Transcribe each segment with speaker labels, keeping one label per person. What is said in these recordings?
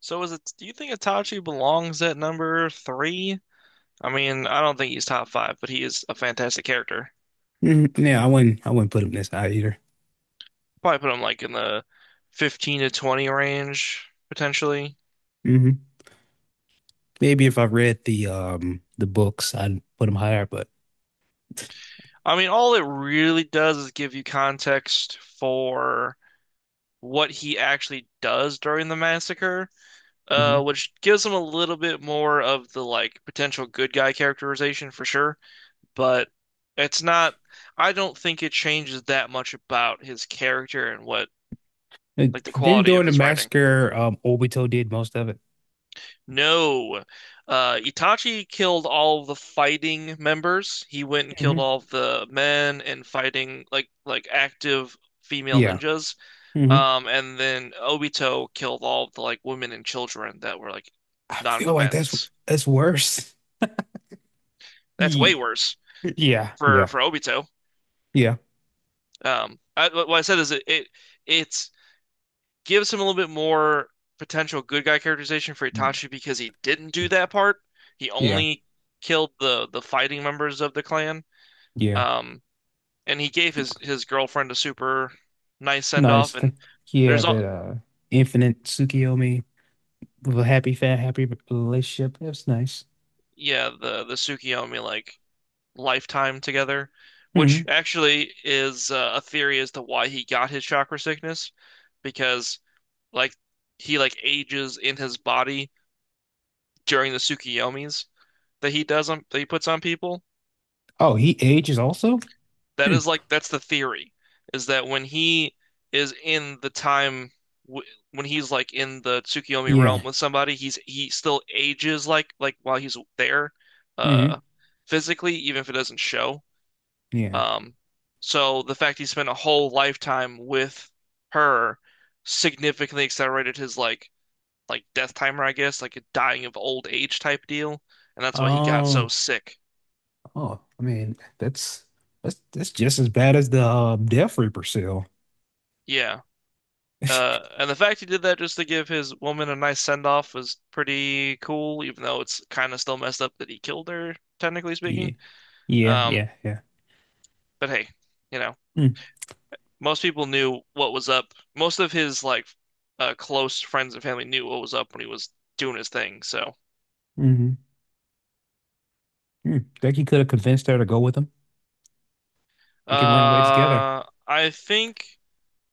Speaker 1: So is it, do you think Itachi belongs at number three? I mean, I don't think he's top five, but he is a fantastic character.
Speaker 2: Hmm. Yeah, I wouldn't put him this high either.
Speaker 1: Probably put him like in the 15 to 20 range, potentially.
Speaker 2: hmm Maybe if I read the books, I'd put him higher, but
Speaker 1: I mean, all it really does is give you context for what he actually does during the massacre,
Speaker 2: Mhm.
Speaker 1: which gives him a little bit more of the like potential good guy characterization for sure. But it's not, I don't think it changes that much about his character and what
Speaker 2: Like,
Speaker 1: like the
Speaker 2: then
Speaker 1: quality of
Speaker 2: during the
Speaker 1: his writing.
Speaker 2: massacre, Obito did most of it.
Speaker 1: No. Itachi killed all the fighting members. He went and killed
Speaker 2: Hmm.
Speaker 1: all the men and fighting like active female
Speaker 2: Yeah.
Speaker 1: ninjas.
Speaker 2: hmm
Speaker 1: And then Obito killed all the like women and children that were like
Speaker 2: I feel like that's
Speaker 1: non-combatants.
Speaker 2: that's worse.
Speaker 1: That's way
Speaker 2: Ye-
Speaker 1: worse
Speaker 2: Yeah,
Speaker 1: for
Speaker 2: yeah,
Speaker 1: for Obito.
Speaker 2: yeah,
Speaker 1: I, what I said is it, it it's gives him a little bit more potential good guy characterization for Itachi because he didn't do that part. He
Speaker 2: yeah,
Speaker 1: only killed the fighting members of the clan.
Speaker 2: yeah.
Speaker 1: Um, and he gave his girlfriend a super nice send
Speaker 2: Nice.
Speaker 1: off. And
Speaker 2: Yeah,
Speaker 1: there's all
Speaker 2: that infinite Tsukiyomi with a happy fat happy relationship. That's nice.
Speaker 1: yeah, the Tsukiyomi like lifetime together, which
Speaker 2: hmm
Speaker 1: actually is a theory as to why he got his chakra sickness because like he like ages in his body during the Tsukiyomis that he does on, that he puts on people.
Speaker 2: Oh, he ages also?
Speaker 1: That
Speaker 2: Hmm.
Speaker 1: is that's the theory is that when he is in the time w when he's like in the Tsukiyomi realm
Speaker 2: Yeah.
Speaker 1: with somebody, he still ages like while he's there,
Speaker 2: Hmm.
Speaker 1: uh, physically, even if it doesn't show.
Speaker 2: Yeah.
Speaker 1: Um, so the fact he spent a whole lifetime with her significantly accelerated his like death timer, I guess, like a dying of old age type deal, and that's why he got so
Speaker 2: Oh,
Speaker 1: sick.
Speaker 2: oh, I mean, that's just as bad as the Death Reaper seal.
Speaker 1: Yeah. And the fact he did that just to give his woman a nice send off was pretty cool, even though it's kind of still messed up that he killed her, technically
Speaker 2: Yeah,
Speaker 1: speaking.
Speaker 2: yeah,
Speaker 1: Um,
Speaker 2: yeah, yeah.
Speaker 1: but hey, you know,
Speaker 2: Mm.
Speaker 1: most people knew what was up. Most of his close friends and family knew what was up when he was doing his thing. So,
Speaker 2: Hmm. Mm. Think he could have convinced her to go with him. He can run away together.
Speaker 1: I think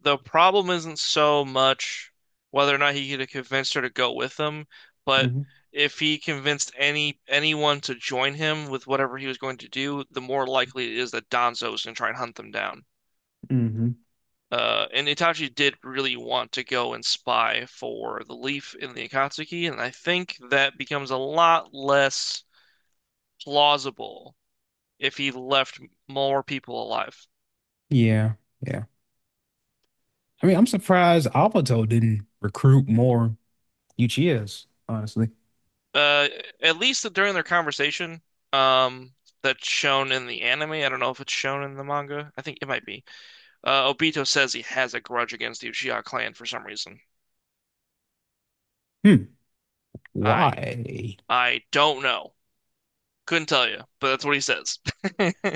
Speaker 1: the problem isn't so much whether or not he could have convinced her to go with him, but
Speaker 2: Hmm.
Speaker 1: if he convinced anyone to join him with whatever he was going to do, the more likely it is that Danzo is going to try and hunt them down.
Speaker 2: Hmm.
Speaker 1: And Itachi did really want to go and spy for the leaf in the Akatsuki, and I think that becomes a lot less plausible if he left more people alive.
Speaker 2: Yeah, yeah. I mean, I'm surprised Obito didn't recruit more Uchihas, honestly.
Speaker 1: Uh, at least during their conversation, um, that's shown in the anime. I don't know if it's shown in the manga. I think it might be. Obito says he has a grudge against the Uchiha clan for some reason.
Speaker 2: Hmm.
Speaker 1: I
Speaker 2: Why?
Speaker 1: I don't know. Couldn't tell you, but that's what he says.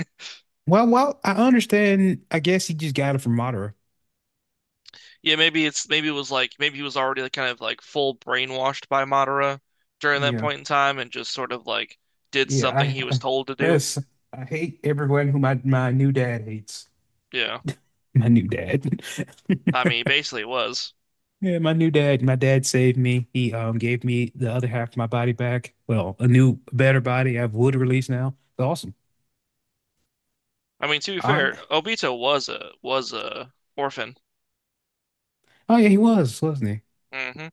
Speaker 2: Well, I understand. I guess he just got it from Madara.
Speaker 1: Yeah, maybe it's maybe it was like maybe he was already like kind of like full brainwashed by Madara during that
Speaker 2: Yeah.
Speaker 1: point in time and just sort of like did
Speaker 2: Yeah,
Speaker 1: something he was
Speaker 2: I
Speaker 1: told to do.
Speaker 2: yes, I hate everyone who my new dad hates.
Speaker 1: Yeah.
Speaker 2: My new dad.
Speaker 1: I mean, basically it was.
Speaker 2: Yeah, my new dad. My dad saved me. He gave me the other half of my body back. Well, a new, better body. I have wood release now. It's awesome.
Speaker 1: I mean, to be
Speaker 2: I
Speaker 1: fair, Obito was a orphan.
Speaker 2: Oh yeah, he was, wasn't he?
Speaker 1: Hmm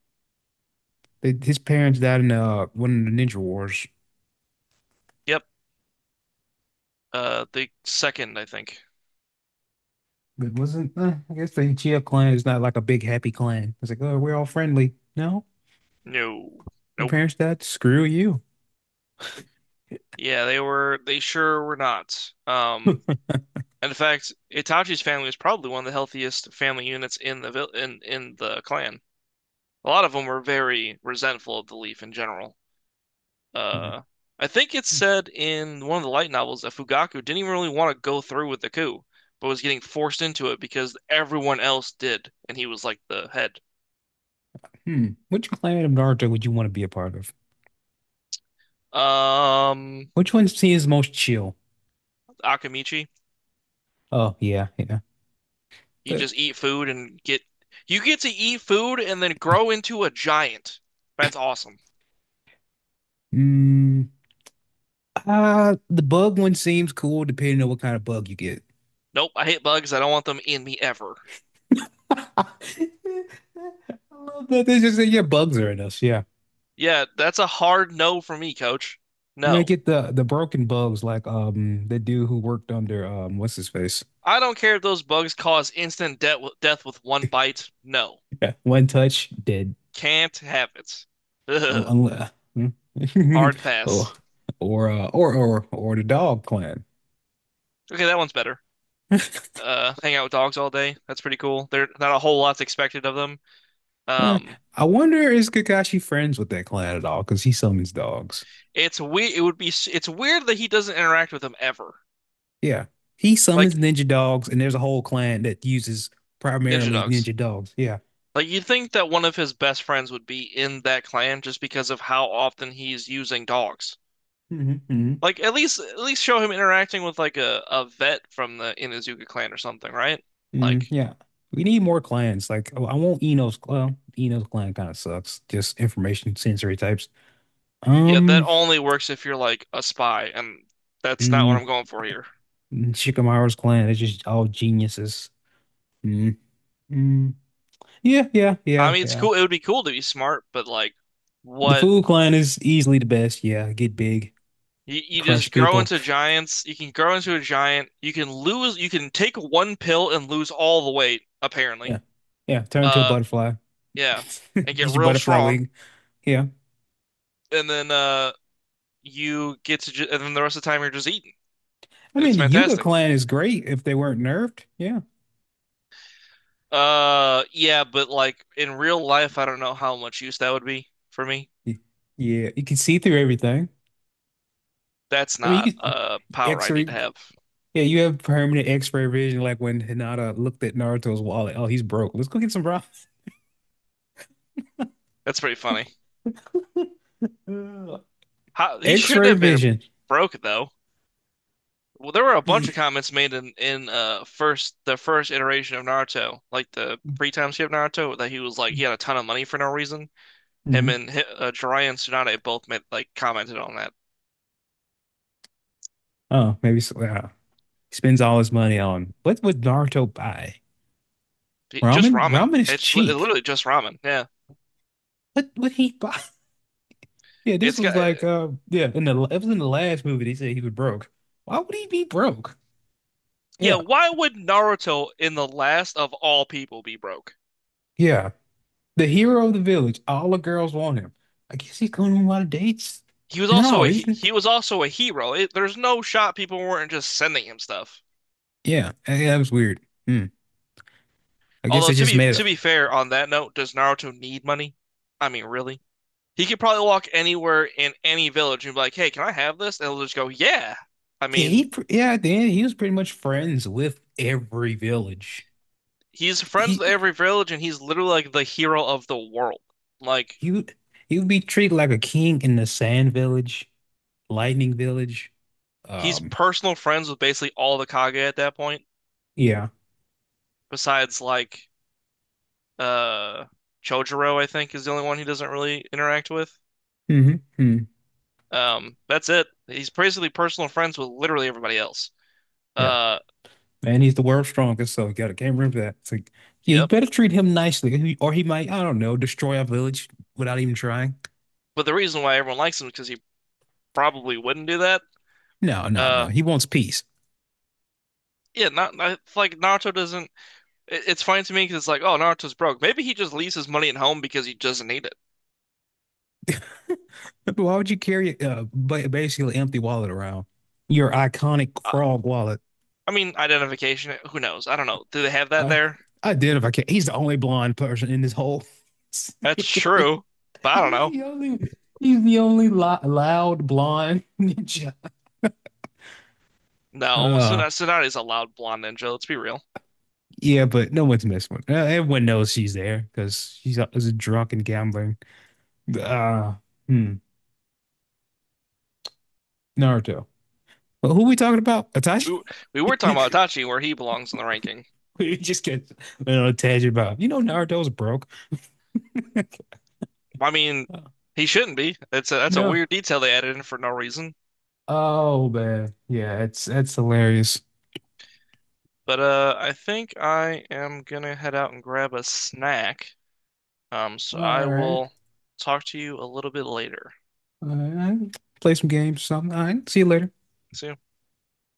Speaker 2: His parents died in one of the Ninja Wars.
Speaker 1: Yep. The second, I think.
Speaker 2: It wasn't. I guess the Uchiha clan is not like a big happy clan. It's like, oh, we're all friendly. No,
Speaker 1: No.
Speaker 2: your
Speaker 1: Nope.
Speaker 2: parents died. Screw you.
Speaker 1: Yeah, they were. They sure were not. And in fact, Itachi's family was probably one of the healthiest family units in the vil in the clan. A lot of them were very resentful of the Leaf in general.
Speaker 2: Hmm.
Speaker 1: Uh, I think it's said in one of the light novels that Fugaku didn't even really want to go through with the coup, but was getting forced into it because everyone else did, and he was like the head.
Speaker 2: Hmm. Which clan of Naruto would you want to be a part of?
Speaker 1: Um,
Speaker 2: Which one seems most chill?
Speaker 1: Akamichi.
Speaker 2: Oh yeah, yeah.
Speaker 1: You
Speaker 2: The,
Speaker 1: just eat food and get you get to eat food and then grow into a giant. That's awesome.
Speaker 2: mm, the bug one seems cool depending on what kind of bug you get.
Speaker 1: Nope, I hate bugs. I don't want them in me ever.
Speaker 2: I love that. They just say, yeah, bugs are in us. Yeah.
Speaker 1: Yeah, that's a hard no for me, coach.
Speaker 2: You might
Speaker 1: No.
Speaker 2: get the broken bugs like the dude who worked under what's his face?
Speaker 1: I don't care if those bugs cause instant de death with one bite. No.
Speaker 2: Yeah. One touch, dead.
Speaker 1: Can't have it.
Speaker 2: Oh,
Speaker 1: Ugh.
Speaker 2: unle- hmm.
Speaker 1: Hard
Speaker 2: or
Speaker 1: pass.
Speaker 2: or the dog clan.
Speaker 1: Okay, that one's better. Hang out with dogs all day. That's pretty cool. There, not a whole lot's expected of them.
Speaker 2: Yeah.
Speaker 1: Um,
Speaker 2: I wonder, is Kakashi friends with that clan at all? Because he summons dogs.
Speaker 1: it's we. It would be. It's weird that he doesn't interact with them ever.
Speaker 2: Yeah. He summons
Speaker 1: Like
Speaker 2: ninja dogs, and there's a whole clan that uses
Speaker 1: ninja
Speaker 2: primarily
Speaker 1: dogs.
Speaker 2: ninja dogs. Yeah.
Speaker 1: Like you'd think that one of his best friends would be in that clan just because of how often he's using dogs.
Speaker 2: Hmm. Hmm.
Speaker 1: Like at least show him interacting with like a vet from the Inazuka clan or something, right?
Speaker 2: Hmm.
Speaker 1: Like
Speaker 2: Yeah. We need more clans. Like, I want Eno's clan. Eno's clan kind of sucks. Just information sensory types.
Speaker 1: yeah, that
Speaker 2: Um,
Speaker 1: only works if you're like a spy, and that's not what
Speaker 2: mm,
Speaker 1: I'm going for here.
Speaker 2: Shikamaru's clan is just all geniuses. Mm, mm. Yeah, yeah,
Speaker 1: I
Speaker 2: yeah,
Speaker 1: mean, it's
Speaker 2: yeah.
Speaker 1: cool. It would be cool to be smart, but like
Speaker 2: The
Speaker 1: what
Speaker 2: Food clan is easily the best. Yeah, get big,
Speaker 1: you
Speaker 2: crush
Speaker 1: just grow
Speaker 2: people.
Speaker 1: into giants. You can grow into a giant. You can lose. You can take one pill and lose all the weight, apparently.
Speaker 2: Yeah, yeah. Turn to a
Speaker 1: Uh,
Speaker 2: butterfly.
Speaker 1: yeah, and get
Speaker 2: Get your
Speaker 1: real
Speaker 2: butterfly
Speaker 1: strong.
Speaker 2: wing. Yeah.
Speaker 1: And then you get and then the rest of the time you're just eating.
Speaker 2: I mean,
Speaker 1: It's
Speaker 2: the Yuga
Speaker 1: fantastic.
Speaker 2: clan is great if they weren't nerfed. Yeah.
Speaker 1: Yeah, but like in real life I don't know how much use that would be for me.
Speaker 2: Y- Yeah. You can see through everything.
Speaker 1: That's
Speaker 2: I mean,
Speaker 1: not
Speaker 2: you can
Speaker 1: a power I need to
Speaker 2: X-ray.
Speaker 1: have.
Speaker 2: Yeah, you have permanent X-ray vision, like when Hinata looked at Naruto's wallet. Oh, he's broke. Let's go get some broth.
Speaker 1: That's pretty funny.
Speaker 2: Ugh.
Speaker 1: How he should not
Speaker 2: X-ray
Speaker 1: have been
Speaker 2: vision.
Speaker 1: broke though. Well, there were a bunch of comments made in first the first iteration of Naruto, like the pre-time skip Naruto, that he was like he had a ton of money for no reason. Him
Speaker 2: hmm
Speaker 1: and Jiraiya and Tsunade both made like commented on that.
Speaker 2: Oh, maybe so. Wow. He spends all his money on what would Naruto buy?
Speaker 1: Just
Speaker 2: Ramen?
Speaker 1: ramen.
Speaker 2: Ramen is
Speaker 1: It's
Speaker 2: cheap.
Speaker 1: literally just ramen. Yeah.
Speaker 2: What would he buy? Yeah, this
Speaker 1: It's
Speaker 2: was
Speaker 1: got
Speaker 2: like, yeah, in the it was in the last movie. They said he was broke. Why would he be broke?
Speaker 1: yeah,
Speaker 2: Yeah.
Speaker 1: why would Naruto in the last of all people be broke?
Speaker 2: Yeah. The hero of the village. All the girls want him. I guess he's going on a lot of dates.
Speaker 1: He was also
Speaker 2: No,
Speaker 1: a
Speaker 2: he's
Speaker 1: he was also a hero. There's no shot people weren't just sending him stuff.
Speaker 2: yeah. That was weird. Hmm. I guess
Speaker 1: Although
Speaker 2: it's just made up.
Speaker 1: to be fair on that note, does Naruto need money? I mean, really? He could probably walk anywhere in any village and be like, "Hey, can I have this?" And they'll just go, "Yeah." I
Speaker 2: Yeah,
Speaker 1: mean,
Speaker 2: yeah. At the end, he was pretty much friends with every village.
Speaker 1: he's friends
Speaker 2: He
Speaker 1: with every village and he's literally like the hero of the world. Like
Speaker 2: he would he would be treated like a king in the Sand Village, Lightning Village.
Speaker 1: he's
Speaker 2: Um.
Speaker 1: personal friends with basically all the Kage at that point,
Speaker 2: Yeah.
Speaker 1: besides like uh Chojuro, I think, is the only one he doesn't really interact with.
Speaker 2: Hmm. Hmm.
Speaker 1: That's it. He's basically personal friends with literally everybody else.
Speaker 2: Yeah.
Speaker 1: Uh,
Speaker 2: And he's the world's strongest, so you gotta can't remember that. It's like, yeah, you
Speaker 1: yep.
Speaker 2: better treat him nicely, or he might, I don't know, destroy our village without even trying.
Speaker 1: But the reason why everyone likes him is because he probably wouldn't do that.
Speaker 2: No, no, no.
Speaker 1: Uh,
Speaker 2: He wants peace.
Speaker 1: yeah, not, not like Naruto doesn't. It's funny to me because it's like, oh, Naruto's broke. Maybe he just leaves his money at home because he doesn't need it.
Speaker 2: But why would you carry basically an empty wallet around? Your iconic
Speaker 1: Uh,
Speaker 2: frog wallet.
Speaker 1: I mean, identification. Who knows? I don't know. Do they have that
Speaker 2: I
Speaker 1: there?
Speaker 2: I did if I can. He's the only blonde person in this whole. He's
Speaker 1: That's true, but I don't know.
Speaker 2: the only. He's the only loud blonde ninja.
Speaker 1: No,
Speaker 2: Uh,
Speaker 1: Tsunade's a loud blonde ninja. Let's be real.
Speaker 2: yeah, but no one's messing with. Everyone knows she's there because she's a, is drunk and gambling. Uh, hmm, Naruto. But who we talking about? Itachi.
Speaker 1: We, w- we were talking
Speaker 2: we
Speaker 1: about Itachi, where he belongs in the ranking.
Speaker 2: just get on a little tangent about. Naruto's broke.
Speaker 1: I mean, he shouldn't be. That's a
Speaker 2: No.
Speaker 1: weird detail they added in for no reason.
Speaker 2: Oh man. Yeah, it's hilarious.
Speaker 1: But I think I am gonna head out and grab a snack. So
Speaker 2: All
Speaker 1: I
Speaker 2: right.
Speaker 1: will talk to you a little bit later.
Speaker 2: All right. Play some games or something. All right. See you later.
Speaker 1: See you.